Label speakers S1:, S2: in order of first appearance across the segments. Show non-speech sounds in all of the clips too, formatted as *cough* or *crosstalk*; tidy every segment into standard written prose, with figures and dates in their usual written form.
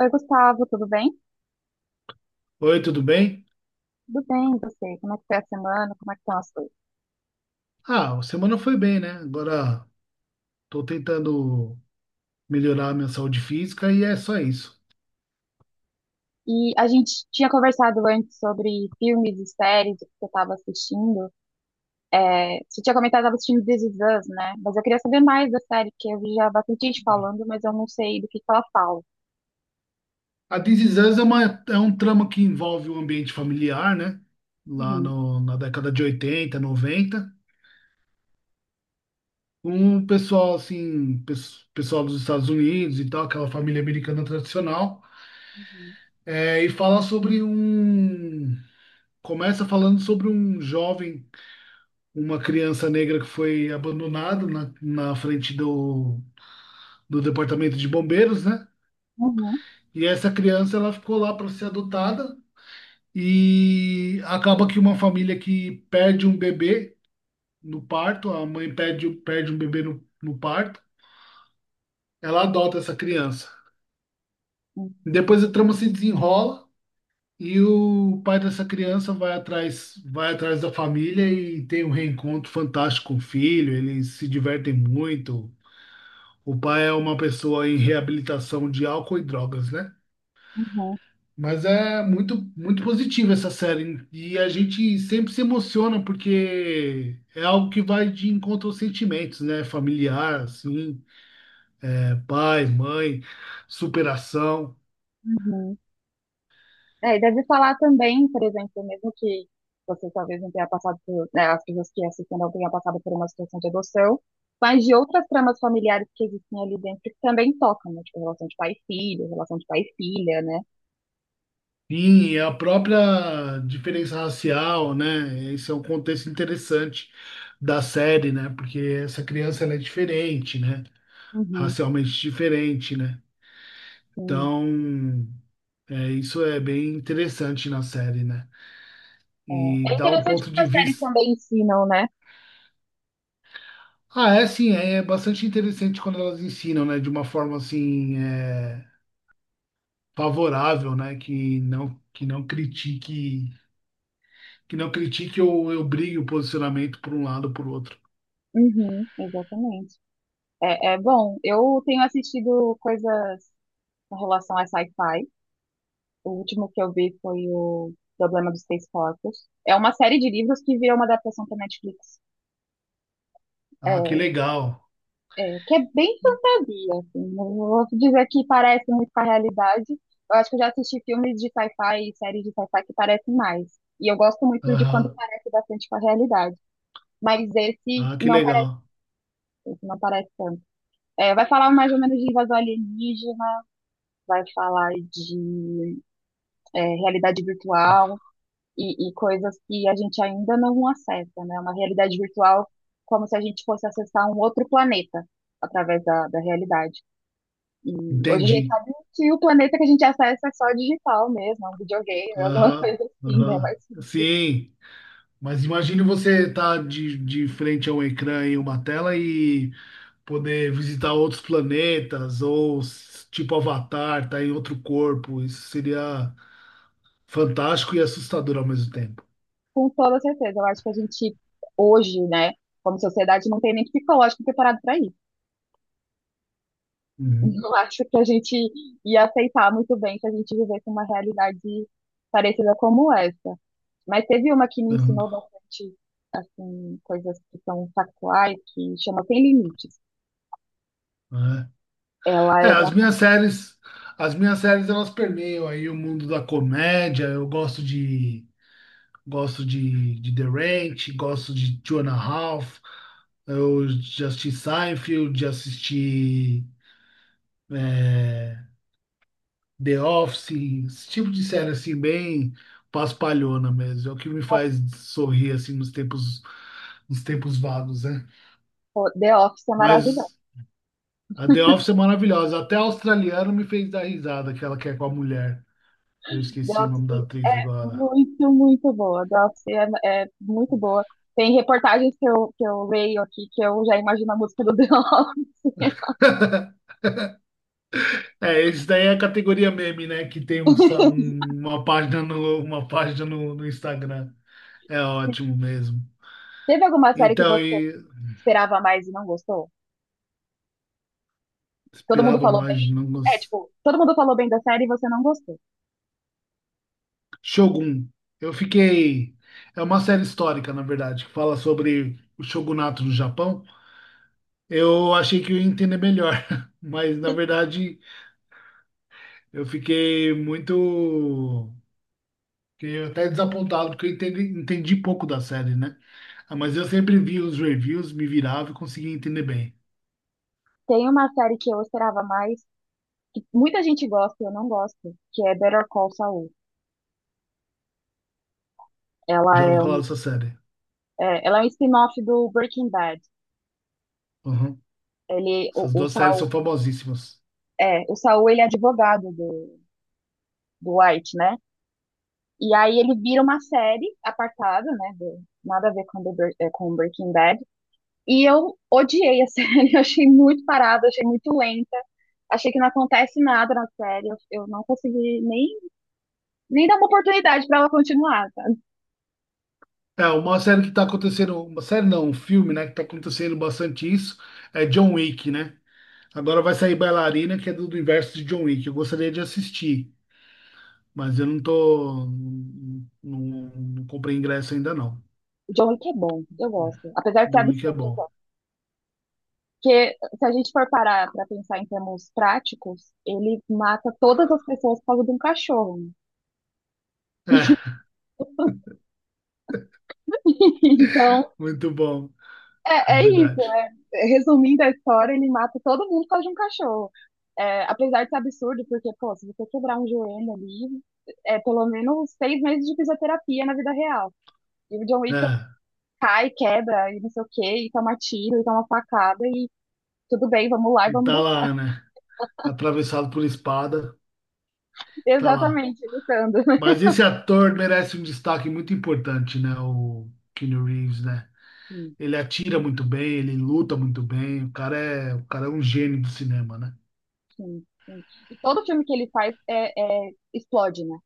S1: Oi, Gustavo, tudo bem?
S2: Oi, tudo bem?
S1: Tudo bem, e você? Como é que foi a semana? Como é que estão as coisas?
S2: Ah, a semana foi bem, né? Agora tô tentando melhorar a minha saúde física e é só isso.
S1: E a gente tinha conversado antes sobre filmes e séries que você estava assistindo. É, você tinha comentado que estava assistindo This Is Us, né? Mas eu queria saber mais da série, porque eu vi já bastante gente falando, mas eu não sei do que ela fala.
S2: A This Is Us uma, é um trama que envolve o ambiente familiar, né? Lá
S1: Uhum,
S2: no, na década de 80, noventa. Um pessoal, assim, pessoal dos Estados Unidos e tal, aquela família americana tradicional.
S1: uhum,
S2: É, e fala sobre um. Começa falando sobre um jovem, uma criança negra que foi abandonada na frente do departamento de bombeiros, né?
S1: uhum,
S2: E essa criança ela ficou lá para ser adotada e acaba que uma família que perde um bebê no parto, a mãe perde um bebê no parto, ela adota essa criança.
S1: uhum,
S2: Depois a trama se desenrola e o pai dessa criança vai atrás da família e tem um reencontro fantástico com o filho, eles se divertem muito. O pai é uma pessoa em reabilitação de álcool e drogas, né?
S1: uhum,
S2: Mas é muito, muito positiva essa série. E a gente sempre se emociona porque é algo que vai de encontro aos sentimentos, né? Familiar, assim, é, pai, mãe, superação.
S1: uhum. É, e deve falar também, por exemplo, mesmo que você talvez não tenha passado por, né, as pessoas que assistem não tenham passado por uma situação de adoção, mas de outras tramas familiares que existem ali dentro que também tocam, né? Tipo, relação de pai e filho, relação de pai e filha, né?
S2: Sim, a própria diferença racial, né? Esse é um contexto interessante da série, né? Porque essa criança ela é diferente, né?
S1: Uhum,
S2: Racialmente diferente, né?
S1: sim.
S2: Então, é, isso é bem interessante na série, né? E
S1: É, é
S2: dá um
S1: interessante
S2: ponto
S1: que
S2: de
S1: as séries
S2: vista.
S1: também ensinam, né?
S2: Ah, é sim, é bastante interessante quando elas ensinam, né, de uma forma assim, é, favorável, né, que não critique ou eu brigue o posicionamento por um lado ou por outro.
S1: Uhum, exatamente. É, é bom, eu tenho assistido coisas com relação a sci-fi. O último que eu vi foi o Problema dos Três Corpos. É uma série de livros que virou uma adaptação para Netflix.
S2: Ah, que
S1: É,
S2: legal.
S1: é, que é bem fantasia, assim. Não vou dizer que parece muito com a realidade. Eu acho que eu já assisti filmes de sci-fi e séries de sci-fi que parecem mais. E eu gosto muito de quando
S2: Aham.
S1: parece bastante com a realidade. Mas
S2: Ah, que legal.
S1: esse não parece tanto. É, vai falar mais ou menos de invasão alienígena, vai falar de realidade virtual, e coisas que a gente ainda não acessa, né? Uma realidade virtual como se a gente fosse acessar um outro planeta através da realidade. E hoje a gente
S2: Entendi.
S1: sabe que o planeta que a gente acessa é só digital mesmo, é um videogame, alguma *laughs*
S2: Aham.
S1: coisa assim, né? Mas
S2: Aham. Sim. Mas imagine você estar de frente a um ecrã e uma tela e poder visitar outros planetas ou tipo Avatar, tá em outro corpo. Isso seria fantástico e assustador ao mesmo tempo.
S1: com toda certeza, eu acho que a gente hoje, né, como sociedade, não tem nem psicológico preparado para isso. *laughs*
S2: Uhum,
S1: Não acho que a gente ia aceitar muito bem se a gente vivesse uma realidade parecida como essa. Mas teve uma que me
S2: uhum,
S1: ensinou bastante, assim, coisas que são factuais, que chama Sem Limites. Ela
S2: é. É,
S1: é da
S2: as minhas séries elas permeiam aí o mundo da comédia. Eu gosto de The Ranch, gosto de Two and a Half. Eu já assisti Seinfeld, já assisti é, The Office, esse tipo de série assim bem paspalhona mesmo. É o que me faz sorrir assim nos tempos vagos, né?
S1: The Office, é maravilhosa.
S2: Mas a The Office é maravilhosa. Até a australiana me fez dar risada, aquela que ela quer com a mulher. Eu
S1: The
S2: esqueci o
S1: Office
S2: nome da atriz
S1: é
S2: agora.
S1: muito, muito boa. The Office é, é muito boa. Tem reportagens que eu leio aqui que eu já imagino a música do The Office. *laughs*
S2: *laughs* É, esse daí é a categoria meme, né? Que tem uma página uma página no Instagram. É ótimo mesmo.
S1: Teve alguma série que
S2: Então,
S1: você
S2: e
S1: esperava mais e não gostou? Todo mundo
S2: esperava
S1: falou bem.
S2: mais, não
S1: É, tipo, todo mundo falou bem da série e você não gostou.
S2: Shogun. Eu fiquei. É uma série histórica, na verdade, que fala sobre o shogunato no Japão. Eu achei que eu ia entender melhor, *laughs* mas na verdade eu fiquei muito. Fiquei até desapontado, porque eu entendi pouco da série, né? Ah, mas eu sempre vi os reviews, me virava e conseguia entender bem.
S1: Tem uma série que eu esperava mais, que muita gente gosta e eu não gosto, que é Better Call Saul. Ela
S2: Já ouvi
S1: é
S2: falar
S1: um,
S2: dessa série.
S1: ela é um spin-off do Breaking Bad.
S2: Uhum.
S1: Ele,
S2: Essas
S1: o
S2: duas séries são
S1: Saul,
S2: famosíssimas.
S1: é, o Saul ele é advogado do White, né? E aí ele vira uma série apartada, né? Nada a ver com, com Breaking Bad. E eu odiei a série, *laughs* eu achei muito parada, achei muito lenta, achei que não acontece nada na série. Eu não consegui nem dar uma oportunidade pra ela continuar, sabe?
S2: É, uma série que tá acontecendo. Uma série não, um filme, né? Que tá acontecendo bastante isso. É John Wick, né? Agora vai sair Bailarina, que é do universo de John Wick. Eu gostaria de assistir, mas eu não tô. Não, não comprei ingresso ainda, não.
S1: O John Wick é bom, eu gosto. Apesar de ser
S2: John Wick é
S1: absurdo, eu
S2: bom.
S1: gosto. Porque se a gente for parar para pensar em termos práticos, ele mata todas as pessoas por causa de um cachorro.
S2: É.
S1: *laughs* Então,
S2: Muito bom, é
S1: é, é isso,
S2: verdade.
S1: né? Resumindo a história, ele mata todo mundo por causa de um cachorro. É, apesar de ser absurdo, porque, pô, se você quebrar um joelho ali, é pelo menos 6 meses de fisioterapia na vida real. E o John Wick
S2: É,
S1: cai, quebra, e não sei o quê, e toma tiro, e toma facada, e tudo bem, vamos lá e
S2: e
S1: vamos
S2: tá
S1: lutar.
S2: lá, né? Atravessado por espada,
S1: *laughs*
S2: tá lá.
S1: Exatamente, lutando.
S2: Mas esse ator merece um destaque muito importante, né? O Keanu Reeves, né?
S1: *laughs*
S2: Ele atira muito bem, ele luta muito bem. O cara é um gênio do cinema, né?
S1: Sim, sim. E todo filme que ele faz explode, né?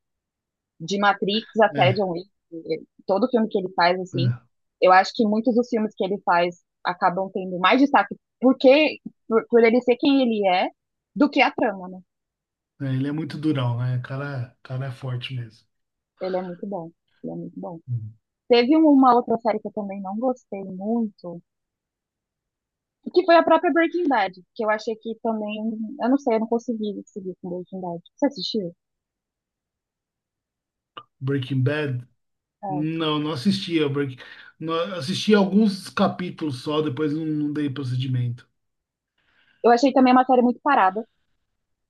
S1: De Matrix até
S2: É,
S1: John Wick, todo filme que ele faz, assim,
S2: é,
S1: eu acho que muitos dos filmes que ele faz acabam tendo mais destaque porque, por ele ser quem ele é, do que a trama, né?
S2: é, ele é muito durão, né? O cara é forte mesmo.
S1: Ele é muito bom, ele é muito bom.
S2: Hum.
S1: Teve um, uma outra série que eu também não gostei muito, que foi a própria Breaking Bad, que eu achei que também, eu não sei, eu não consegui seguir com Breaking Bad. Você assistiu?
S2: Breaking Bad?
S1: É.
S2: Não, não assistia. Break... Não, assisti alguns capítulos só, depois não, não dei procedimento.
S1: Eu achei também uma série muito parada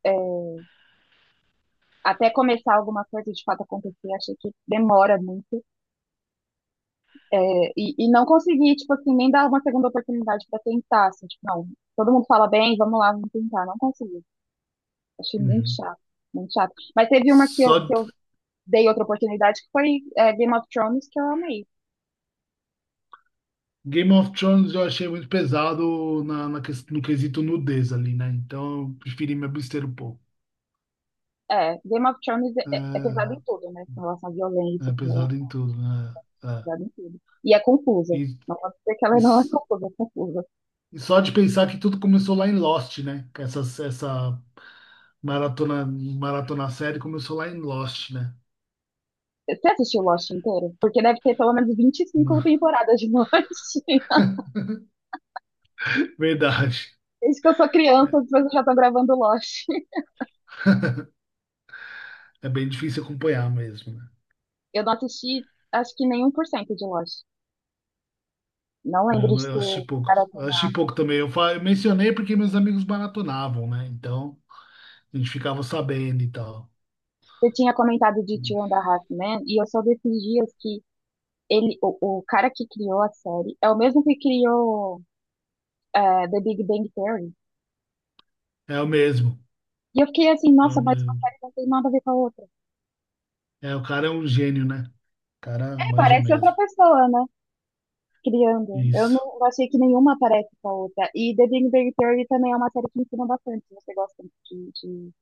S1: é, até começar alguma coisa de fato acontecer, achei que demora muito. É, e não consegui, tipo assim, nem dar uma segunda oportunidade para tentar, assim, tipo, não, todo mundo fala bem, vamos lá, vamos tentar. Não consegui. Achei muito
S2: Uhum.
S1: chato, muito chato. Mas teve uma que eu,
S2: Só,
S1: que eu dei outra oportunidade, que foi Game of Thrones, que eu amei.
S2: Game of Thrones eu achei muito pesado na no quesito nudez ali, né? Então eu preferi me abster um pouco.
S1: É, Game of Thrones é, é pesado em tudo, né? Com relação à
S2: É,
S1: violência,
S2: é pesado em tudo, né? É.
S1: é
S2: É.
S1: pesado em tudo. E é confusa.
S2: E,
S1: Não posso dizer que
S2: e,
S1: ela não é
S2: s-
S1: confusa, é confusa.
S2: e só de pensar que tudo começou lá em Lost, né? Que essa maratona série começou lá em Lost, né?
S1: Você assistiu Lost inteiro? Porque deve ter pelo menos 25
S2: *laughs*
S1: temporadas de Lost. *laughs*
S2: Verdade.
S1: Desde que eu sou
S2: É,
S1: criança, as pessoas já estão gravando Lost.
S2: é bem difícil acompanhar mesmo, né?
S1: Eu não assisti, acho que nem 1% de Lost. Não lembro
S2: Eu, não-
S1: de
S2: eu assisti
S1: ter
S2: pouco. Eu assisti
S1: maratonado.
S2: pouco também. Eu mencionei porque meus amigos maratonavam, né? Então a gente ficava sabendo e tal.
S1: Você tinha comentado de Two and a Half Men, e eu só vi esses dias que ele, o cara que criou a série é o mesmo que criou The Big Bang Theory.
S2: É o mesmo,
S1: E eu fiquei assim,
S2: é
S1: nossa,
S2: o
S1: mas uma
S2: mesmo.
S1: série não tem nada a ver com a outra.
S2: É, o cara é um gênio, né? O cara
S1: É,
S2: manja
S1: parece outra
S2: mesmo.
S1: pessoa, né? Criando. Eu
S2: Isso.
S1: não eu achei que nenhuma parece com a outra. E The Big Bang Theory também é uma série que ensina bastante. Se você gosta de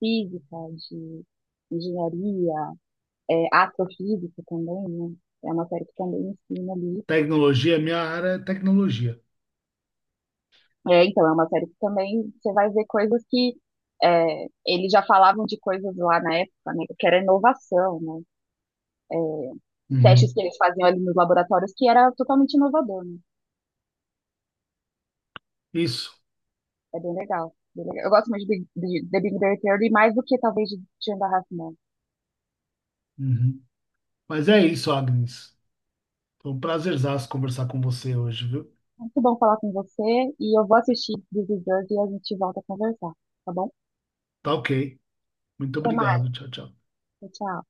S1: física, de engenharia, é, astrofísica também, né? É uma série que também ensina ali.
S2: Tecnologia, minha área é tecnologia.
S1: É, então, é uma série que também você vai ver coisas que é, eles já falavam de coisas lá na época, né? Que era inovação, né? É, testes
S2: Uhum.
S1: que eles faziam ali nos laboratórios que era totalmente inovador, né?
S2: Isso.
S1: É bem legal, bem legal. Eu gosto muito de The Big Bang Theory, mais do que talvez de Shanda Raffman.
S2: Uhum. Mas é isso, Agnes. Foi um prazerzaço conversar com você hoje, viu?
S1: Muito bom falar com você e eu vou assistir This Is Us e a gente volta a conversar, tá bom?
S2: Tá ok. Muito
S1: Até mais,
S2: obrigado. Tchau, tchau.
S1: tchau. Tchau.